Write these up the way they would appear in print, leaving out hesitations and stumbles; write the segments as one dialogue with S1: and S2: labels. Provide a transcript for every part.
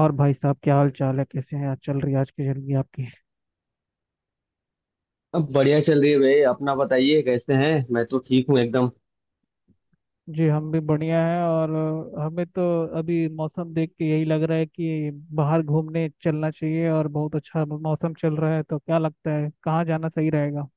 S1: और भाई साहब, क्या हाल चाल है? कैसे हैं? आज चल रही है आज की जिंदगी आपकी?
S2: अब बढ़िया चल रही है भाई। अपना बताइए कैसे हैं। मैं तो ठीक हूँ एकदम।
S1: जी, हम भी बढ़िया हैं। और हमें तो अभी मौसम देख के यही लग रहा है कि बाहर घूमने चलना चाहिए, और बहुत अच्छा मौसम चल रहा है, तो क्या लगता है कहाँ जाना सही रहेगा?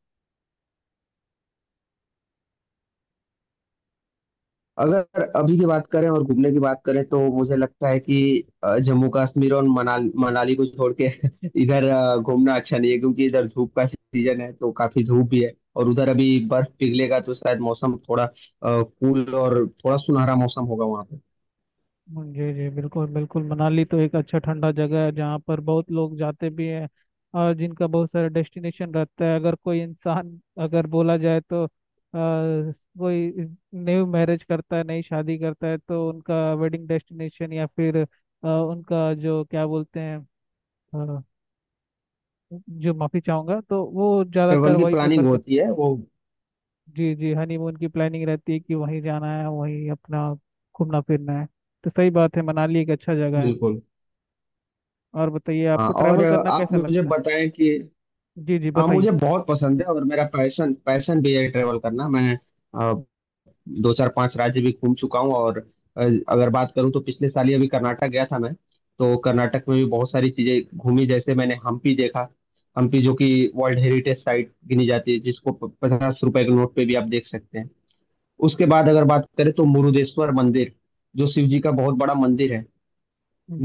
S2: अगर अभी की बात करें और घूमने की बात करें तो मुझे लगता है कि जम्मू कश्मीर और मनाली मनाली को छोड़ के इधर घूमना अच्छा नहीं है क्योंकि इधर धूप का सीजन है तो काफी धूप भी है और उधर अभी बर्फ पिघलेगा तो शायद मौसम थोड़ा कूल और थोड़ा सुनहरा मौसम होगा वहाँ पे।
S1: जी जी, बिल्कुल बिल्कुल। मनाली तो एक अच्छा ठंडा जगह है जहाँ पर बहुत लोग जाते भी हैं, और जिनका बहुत सारा डेस्टिनेशन रहता है। अगर कोई इंसान, अगर बोला जाए तो कोई न्यू मैरिज करता है, नई शादी करता है, तो उनका वेडिंग डेस्टिनेशन या फिर उनका जो क्या बोलते हैं, अ, जो माफी चाहूंगा, तो वो ज्यादातर
S2: ट्रेवल की
S1: वही प्रेफर
S2: प्लानिंग
S1: कर—
S2: होती है वो।
S1: जी जी, हनीमून की प्लानिंग रहती है कि वहीं जाना है, वहीं अपना घूमना फिरना है। तो सही बात है, मनाली एक अच्छा जगह है।
S2: बिल्कुल।
S1: और बताइए,
S2: हाँ,
S1: आपको
S2: और
S1: ट्रैवल करना
S2: आप
S1: कैसा
S2: मुझे
S1: लगता है?
S2: बताएं कि।
S1: जी जी,
S2: हाँ,
S1: बताइए।
S2: मुझे बहुत पसंद है और मेरा पैशन पैशन भी है ट्रेवल करना। मैं दो चार पांच राज्य भी घूम चुका हूँ और अ, अगर बात करूँ तो पिछले साल ही अभी कर्नाटक गया था मैं। तो कर्नाटक में भी बहुत सारी चीजें घूमी, जैसे मैंने हम्पी देखा। हम्पी जो कि वर्ल्ड हेरिटेज साइट गिनी जाती है, जिसको 50 रुपए के नोट पे भी आप देख सकते हैं। उसके बाद अगर बात करें तो मुरुदेश्वर मंदिर, जो शिव जी का बहुत बड़ा मंदिर है,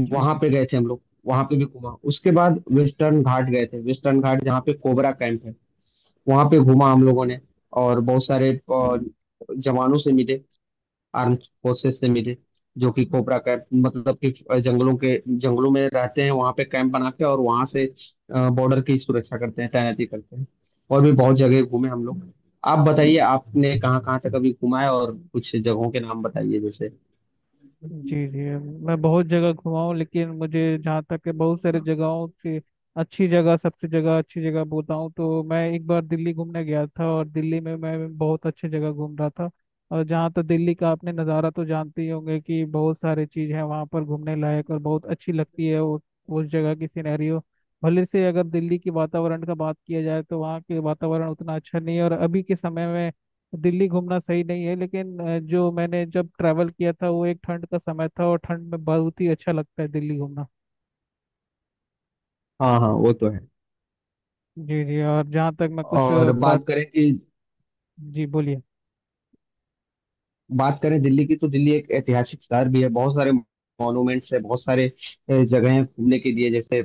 S1: जी
S2: वहां
S1: जी,
S2: पे गए थे हम लोग। वहां पे भी घूमा। उसके बाद वेस्टर्न घाट गए थे। वेस्टर्न घाट जहाँ पे कोबरा कैंप है, वहां पे घूमा हम लोगों ने, और बहुत सारे जवानों से मिले, आर्म्ड फोर्सेस से मिले, जो कि कोबरा कैंप मतलब कि जंगलों के जंगलों में रहते हैं, वहां पे कैंप बना के, और वहां से बॉर्डर की सुरक्षा करते हैं, तैनाती करते हैं। और भी बहुत जगह घूमे हम लोग। आप बताइए आपने कहाँ कहाँ तक अभी घूमा है, और कुछ जगहों के नाम बताइए जैसे।
S1: जी जी, मैं बहुत जगह घुमा हूँ, लेकिन मुझे जहाँ तक है बहुत सारे जगहों से अच्छी जगह, सबसे जगह अच्छी जगह बताऊँ तो मैं एक बार दिल्ली घूमने गया था, और दिल्ली में मैं बहुत अच्छी जगह घूम रहा था। और जहाँ तो दिल्ली का आपने नज़ारा तो जानते ही होंगे कि बहुत सारे चीज़ है वहाँ पर घूमने लायक, और बहुत अच्छी लगती है उस जगह की सिनेरियो। भले से अगर दिल्ली के वातावरण का बात किया जाए तो वहाँ के वातावरण उतना अच्छा नहीं है, और अभी के समय में दिल्ली घूमना सही नहीं है। लेकिन जो मैंने जब ट्रैवल किया था वो एक ठंड का समय था, और ठंड में बहुत ही अच्छा लगता है दिल्ली घूमना।
S2: हाँ हाँ, वो तो है।
S1: जी जी, और जहाँ तक मैं कुछ
S2: और
S1: बात— जी, बोलिए।
S2: बात करें दिल्ली की, तो दिल्ली एक ऐतिहासिक शहर भी है, बहुत सारे मॉन्यूमेंट्स है, बहुत सारे जगह हैं घूमने के लिए। जैसे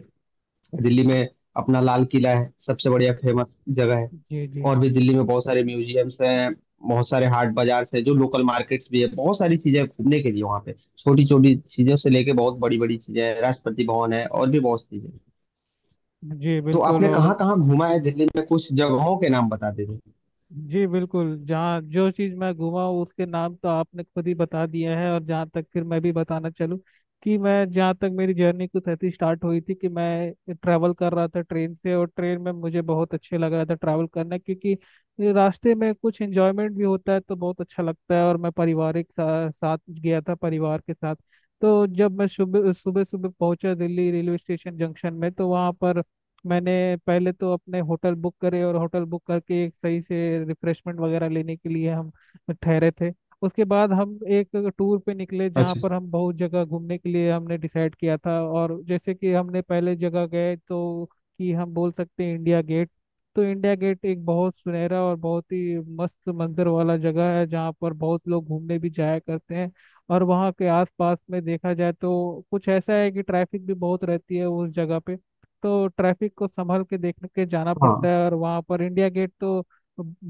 S2: दिल्ली में अपना लाल किला है, सबसे बढ़िया फेमस जगह है।
S1: जी जी,
S2: और भी दिल्ली में बहुत सारे म्यूजियम्स हैं, बहुत सारे हाट बाजार हैं जो लोकल मार्केट्स भी है, बहुत सारी चीजें हैं घूमने के लिए वहाँ पे। छोटी छोटी चीजों से लेके बहुत बड़ी बड़ी चीजें हैं, राष्ट्रपति भवन है और भी बहुत चीजें हैं।
S1: जी
S2: तो
S1: बिल्कुल,
S2: आपने
S1: और
S2: कहाँ कहाँ घूमा है दिल्ली में, कुछ जगहों के नाम बता दीजिए।
S1: जी बिल्कुल, जहाँ जो चीज़ मैं घूमा हूँ, उसके नाम तो आपने खुद ही बता दिया है, और जहाँ तक फिर मैं भी बताना चलूँ कि मैं, जहाँ तक मेरी जर्नी कुछ ऐसी स्टार्ट हुई थी कि मैं ट्रैवल कर रहा था ट्रेन से, और ट्रेन में मुझे बहुत अच्छे लग रहा था ट्रैवल करना, क्योंकि रास्ते में कुछ एंजॉयमेंट भी होता है, तो बहुत अच्छा लगता है। और मैं पारिवारिक साथ गया था, परिवार के साथ। तो जब मैं सुबह सुबह सुबह पहुंचा दिल्ली रेलवे स्टेशन जंक्शन में, तो वहाँ पर मैंने पहले तो अपने होटल बुक करे, और होटल बुक करके एक सही से रिफ्रेशमेंट वगैरह लेने के लिए हम ठहरे थे। उसके बाद हम एक टूर पे निकले, जहाँ
S2: अच्छा।
S1: पर हम बहुत जगह घूमने के लिए हमने डिसाइड किया था, और जैसे कि हमने पहले जगह गए तो, कि हम बोल सकते हैं इंडिया गेट। तो इंडिया गेट एक बहुत सुनहरा और बहुत ही मस्त मंजर वाला जगह है, जहाँ पर बहुत लोग घूमने भी जाया करते हैं। और वहाँ के आसपास में देखा जाए तो कुछ ऐसा है कि ट्रैफिक भी बहुत रहती है उस जगह पे, तो ट्रैफिक को संभल के देख के जाना पड़ता
S2: हाँ।
S1: है। और वहाँ पर इंडिया गेट तो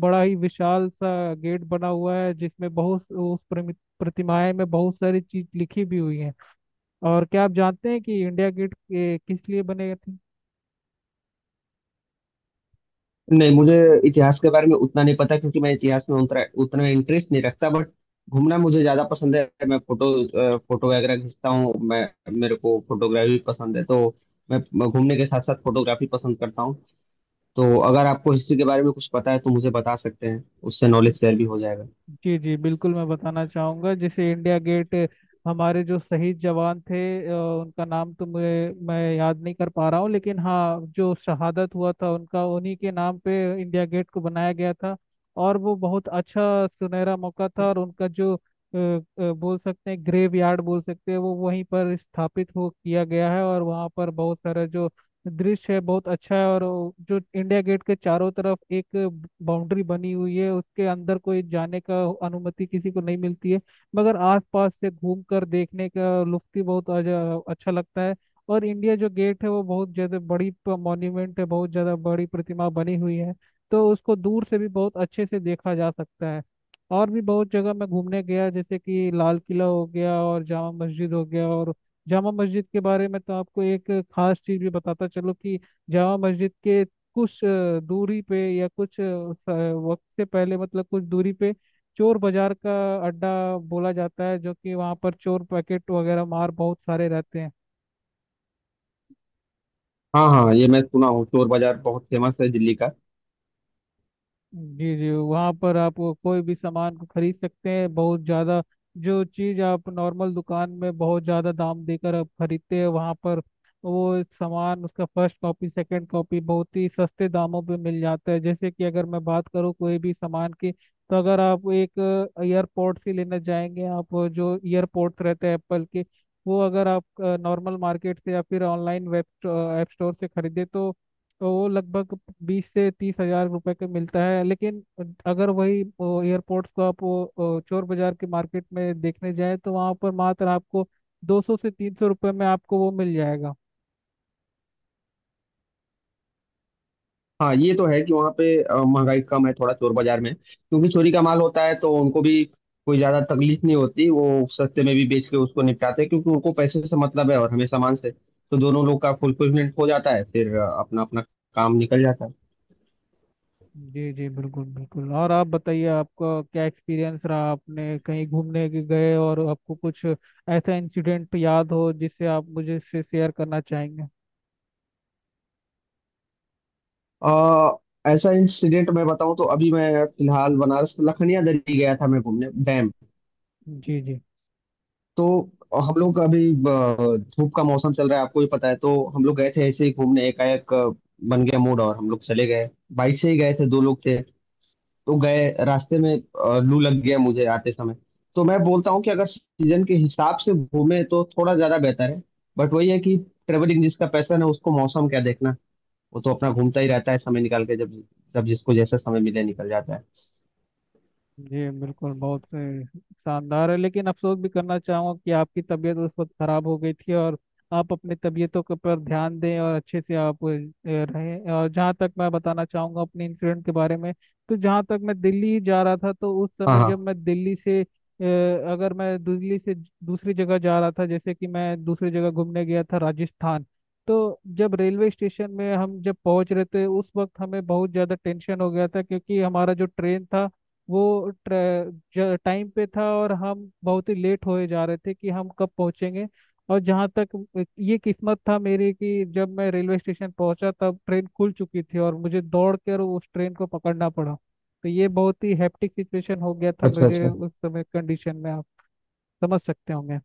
S1: बड़ा ही विशाल सा गेट बना हुआ है, जिसमें बहुत उस प्रतिमाएं में बहुत सारी चीज लिखी भी हुई है। और क्या आप जानते हैं कि इंडिया गेट किस लिए बने थे?
S2: नहीं, मुझे इतिहास के बारे में उतना नहीं पता, क्योंकि मैं इतिहास में उतना उतना इंटरेस्ट नहीं रखता, बट घूमना मुझे ज्यादा पसंद है। मैं फोटो वगैरह खींचता हूँ। मैं, मेरे को फोटोग्राफी पसंद है, तो मैं घूमने के साथ साथ फोटोग्राफी पसंद करता हूँ। तो अगर आपको हिस्ट्री के बारे में कुछ पता है तो मुझे बता सकते हैं, उससे नॉलेज शेयर भी हो जाएगा।
S1: जी जी, बिल्कुल, मैं बताना चाहूँगा। जैसे इंडिया गेट, हमारे जो शहीद जवान थे, उनका नाम तो मुझे, मैं याद नहीं कर पा रहा हूँ, लेकिन हाँ, जो शहादत हुआ था उनका, उन्हीं के नाम पे इंडिया गेट को बनाया गया था। और वो बहुत अच्छा सुनहरा मौका था। और उनका जो बोल सकते हैं ग्रेव यार्ड बोल सकते हैं, वो वहीं पर स्थापित हो किया गया है, और वहाँ पर बहुत सारा जो दृश्य है बहुत अच्छा है। और वो जो इंडिया गेट के चारों तरफ एक बाउंड्री बनी हुई है, उसके अंदर कोई जाने का अनुमति किसी को नहीं मिलती है, मगर आसपास से घूम कर देखने का लुत्फ ही बहुत अच्छा लगता है। और इंडिया जो गेट है वो बहुत ज्यादा बड़ी मॉन्यूमेंट है, बहुत ज्यादा बड़ी प्रतिमा बनी हुई है, तो उसको दूर से भी बहुत अच्छे से देखा जा सकता है। और भी बहुत जगह मैं घूमने गया, जैसे कि लाल किला हो गया, और जामा मस्जिद हो गया, और जामा मस्जिद के बारे में तो आपको एक खास चीज भी बताता चलो, कि जामा मस्जिद के कुछ दूरी पे, या कुछ स- वक्त से पहले मतलब कुछ दूरी पे, चोर बाजार का अड्डा बोला जाता है, जो कि वहाँ पर चोर पैकेट वगैरह मार बहुत सारे रहते हैं।
S2: हाँ हाँ, ये मैं सुना हूँ, चोर बाजार बहुत फेमस है दिल्ली का।
S1: जी जी, वहाँ पर आप वो कोई भी सामान को खरीद सकते हैं बहुत ज़्यादा। जो चीज़ आप नॉर्मल दुकान में बहुत ज़्यादा दाम देकर आप खरीदते हैं, वहाँ पर वो सामान उसका फर्स्ट कॉपी सेकंड कॉपी बहुत ही सस्ते दामों पे मिल जाता है। जैसे कि अगर मैं बात करूँ कोई भी सामान की, तो अगर आप एक ईयरपोर्ट से लेना चाहेंगे, आप वो जो ईयरपोर्ट्स रहते हैं एप्पल के, वो अगर आप नॉर्मल मार्केट से या फिर ऑनलाइन वेब ऐप स्टोर से खरीदे, तो वो लगभग 20 से 30 हज़ार रुपए का मिलता है। लेकिन अगर वही एयरपोर्ट्स को आप वो चोर बाजार के मार्केट में देखने जाए, तो वहाँ पर मात्र आपको 200 से 300 रुपये में आपको वो मिल जाएगा।
S2: हाँ ये तो है कि वहाँ पे महंगाई कम है थोड़ा चोर बाजार में, क्योंकि चोरी का माल होता है तो उनको भी कोई ज्यादा तकलीफ नहीं होती, वो सस्ते में भी बेच के उसको निपटाते हैं क्योंकि उनको पैसे से मतलब है और हमें सामान से, तो दोनों लोग का फुलफिलमेंट हो जाता है, फिर अपना अपना काम निकल जाता है।
S1: जी जी, बिल्कुल बिल्कुल। और आप बताइए, आपका क्या एक्सपीरियंस रहा? आपने कहीं घूमने के गए और आपको कुछ ऐसा इंसिडेंट याद हो जिससे आप मुझे से शेयर करना चाहेंगे?
S2: अ, ऐसा इंसिडेंट मैं बताऊँ, तो अभी मैं फिलहाल बनारस लखनिया दरी गया था, मैं घूमने डैम।
S1: जी जी,
S2: तो हम लोग का अभी धूप का मौसम चल रहा है, आपको भी पता है, तो हम लोग गए थे ऐसे ही घूमने, एकाएक बन गया मूड और हम लोग चले गए। बाइक से ही गए थे, दो लोग थे। तो गए, रास्ते में लू लग गया मुझे आते समय। तो मैं बोलता हूँ कि अगर सीजन के हिसाब से घूमे तो थोड़ा ज्यादा बेहतर है, बट वही है कि ट्रेवलिंग जिसका पैशन है उसको मौसम क्या देखना, वो तो अपना घूमता ही रहता है समय निकाल के, जब जब जिसको जैसा समय मिले निकल जाता है।
S1: जी बिल्कुल, बहुत शानदार है। लेकिन अफसोस भी करना चाहूँगा कि आपकी तबीयत उस वक्त खराब हो गई थी, और आप अपनी तबीयतों के ऊपर ध्यान दें और अच्छे से आप रहें। और जहाँ तक मैं बताना चाहूँगा अपने इंसिडेंट के बारे में, तो जहाँ तक मैं दिल्ली जा रहा था, तो उस
S2: हाँ
S1: समय जब
S2: हाँ।
S1: मैं दिल्ली से अगर मैं दिल्ली से दूसरी जगह जा रहा था, जैसे कि मैं दूसरी जगह घूमने गया था राजस्थान, तो जब रेलवे स्टेशन में हम जब पहुंच रहे थे उस वक्त हमें बहुत ज़्यादा टेंशन हो गया था, क्योंकि हमारा जो ट्रेन था वो टाइम पे था और हम बहुत ही लेट होए जा रहे थे कि हम कब पहुंचेंगे। और जहाँ तक ये किस्मत था मेरी कि जब मैं रेलवे स्टेशन पहुंचा तब ट्रेन खुल चुकी थी, और मुझे दौड़ कर उस ट्रेन को पकड़ना पड़ा। तो ये बहुत ही हैप्टिक सिचुएशन हो गया था
S2: अच्छा
S1: मुझे,
S2: अच्छा।
S1: उस समय कंडीशन में आप समझ सकते होंगे।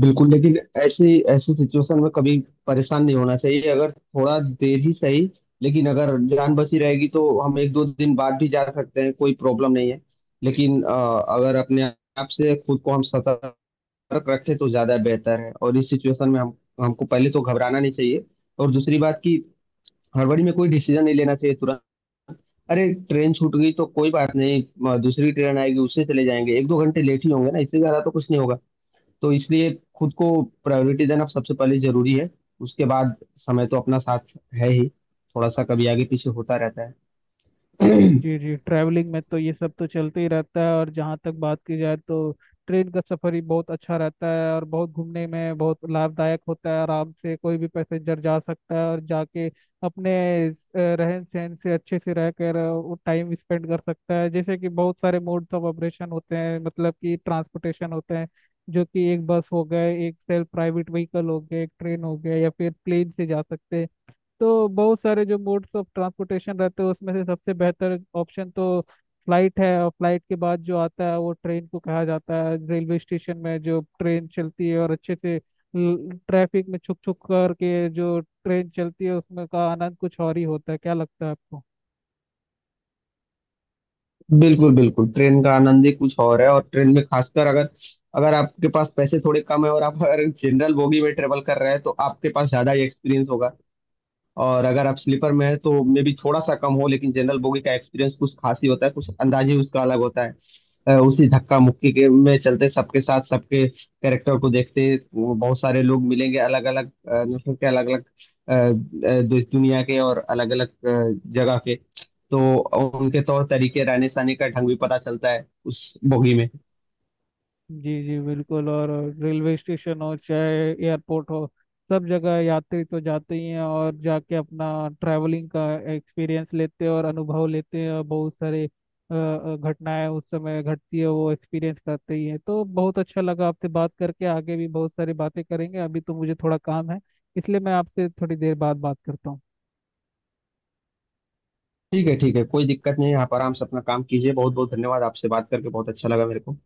S2: बिल्कुल, लेकिन ऐसी ऐसी सिचुएशन में कभी परेशान नहीं होना चाहिए, अगर थोड़ा देर ही सही, लेकिन अगर जान बची रहेगी तो हम एक दो दिन बाद भी जा सकते हैं, कोई प्रॉब्लम नहीं है। लेकिन अगर अपने आप से खुद को हम सतर्क रखें तो ज्यादा बेहतर है, और इस सिचुएशन में हम हमको पहले तो घबराना नहीं चाहिए, और दूसरी बात कि हड़बड़ी में कोई डिसीजन नहीं लेना चाहिए तुरंत। अरे, ट्रेन छूट गई तो कोई बात नहीं, दूसरी ट्रेन आएगी उससे चले जाएंगे, एक दो घंटे लेट ही होंगे ना, इससे ज्यादा तो कुछ नहीं होगा। तो इसलिए खुद को प्रायोरिटी देना सबसे पहले जरूरी है, उसके बाद समय तो अपना साथ है ही, थोड़ा सा कभी आगे पीछे होता रहता है।
S1: जी जी, ट्रैवलिंग में तो ये सब तो चलते ही रहता है। और जहाँ तक बात की जाए तो ट्रेन का सफर ही बहुत अच्छा रहता है, और बहुत घूमने में बहुत लाभदायक होता है, आराम से कोई भी पैसेंजर जा सकता है, और जाके अपने रहन सहन से अच्छे से रह कर वो टाइम स्पेंड कर सकता है। जैसे कि बहुत सारे मोड्स ऑफ ऑपरेशन होते हैं, मतलब कि ट्रांसपोर्टेशन होते हैं, जो कि एक बस हो गए, एक सेल्फ प्राइवेट व्हीकल हो गया, एक ट्रेन हो गया, या फिर प्लेन से जा सकते हैं। तो बहुत सारे जो मोड्स ऑफ ट्रांसपोर्टेशन रहते हैं उसमें से सबसे बेहतर ऑप्शन तो फ्लाइट है, और फ्लाइट के बाद जो आता है वो ट्रेन को कहा जाता है। रेलवे स्टेशन में जो ट्रेन चलती है, और अच्छे से ट्रैफिक में छुक छुक करके जो ट्रेन चलती है उसमें का आनंद कुछ और ही होता है। क्या लगता है आपको?
S2: बिल्कुल बिल्कुल, ट्रेन का आनंद ही कुछ और है। और ट्रेन में खासकर अगर अगर आपके पास पैसे थोड़े कम है और आप अगर जनरल बोगी में ट्रेवल कर रहे हैं तो आपके पास ज्यादा ही एक्सपीरियंस होगा, और अगर आप स्लीपर में है तो मे बी थोड़ा सा कम हो, लेकिन जनरल बोगी का एक्सपीरियंस कुछ खास ही होता है, कुछ अंदाज ही उसका अलग होता है। उसी धक्का मुक्की के में चलते सबके साथ, सबके कैरेक्टर को देखते, वो बहुत सारे लोग मिलेंगे, अलग अलग नस्ल के, अलग अलग दुनिया के और अलग अलग जगह के, तो उनके तौर तरीके रहने सहने का ढंग भी पता चलता है उस बोगी में।
S1: जी जी, बिल्कुल। और रेलवे स्टेशन हो चाहे एयरपोर्ट हो, सब जगह यात्री तो जाते ही हैं, और जाके अपना ट्रैवलिंग का एक्सपीरियंस लेते हैं और अनुभव लेते हैं, और बहुत सारे घटनाएं उस समय घटती है, वो एक्सपीरियंस करते ही हैं। तो बहुत अच्छा लगा आपसे बात करके, आगे भी बहुत सारी बातें करेंगे, अभी तो मुझे थोड़ा काम है, इसलिए मैं आपसे थोड़ी देर बाद बात करता हूँ।
S2: ठीक है ठीक है, कोई दिक्कत नहीं है, आप आराम से अपना काम कीजिए। बहुत बहुत धन्यवाद, आपसे बात करके बहुत अच्छा लगा मेरे को।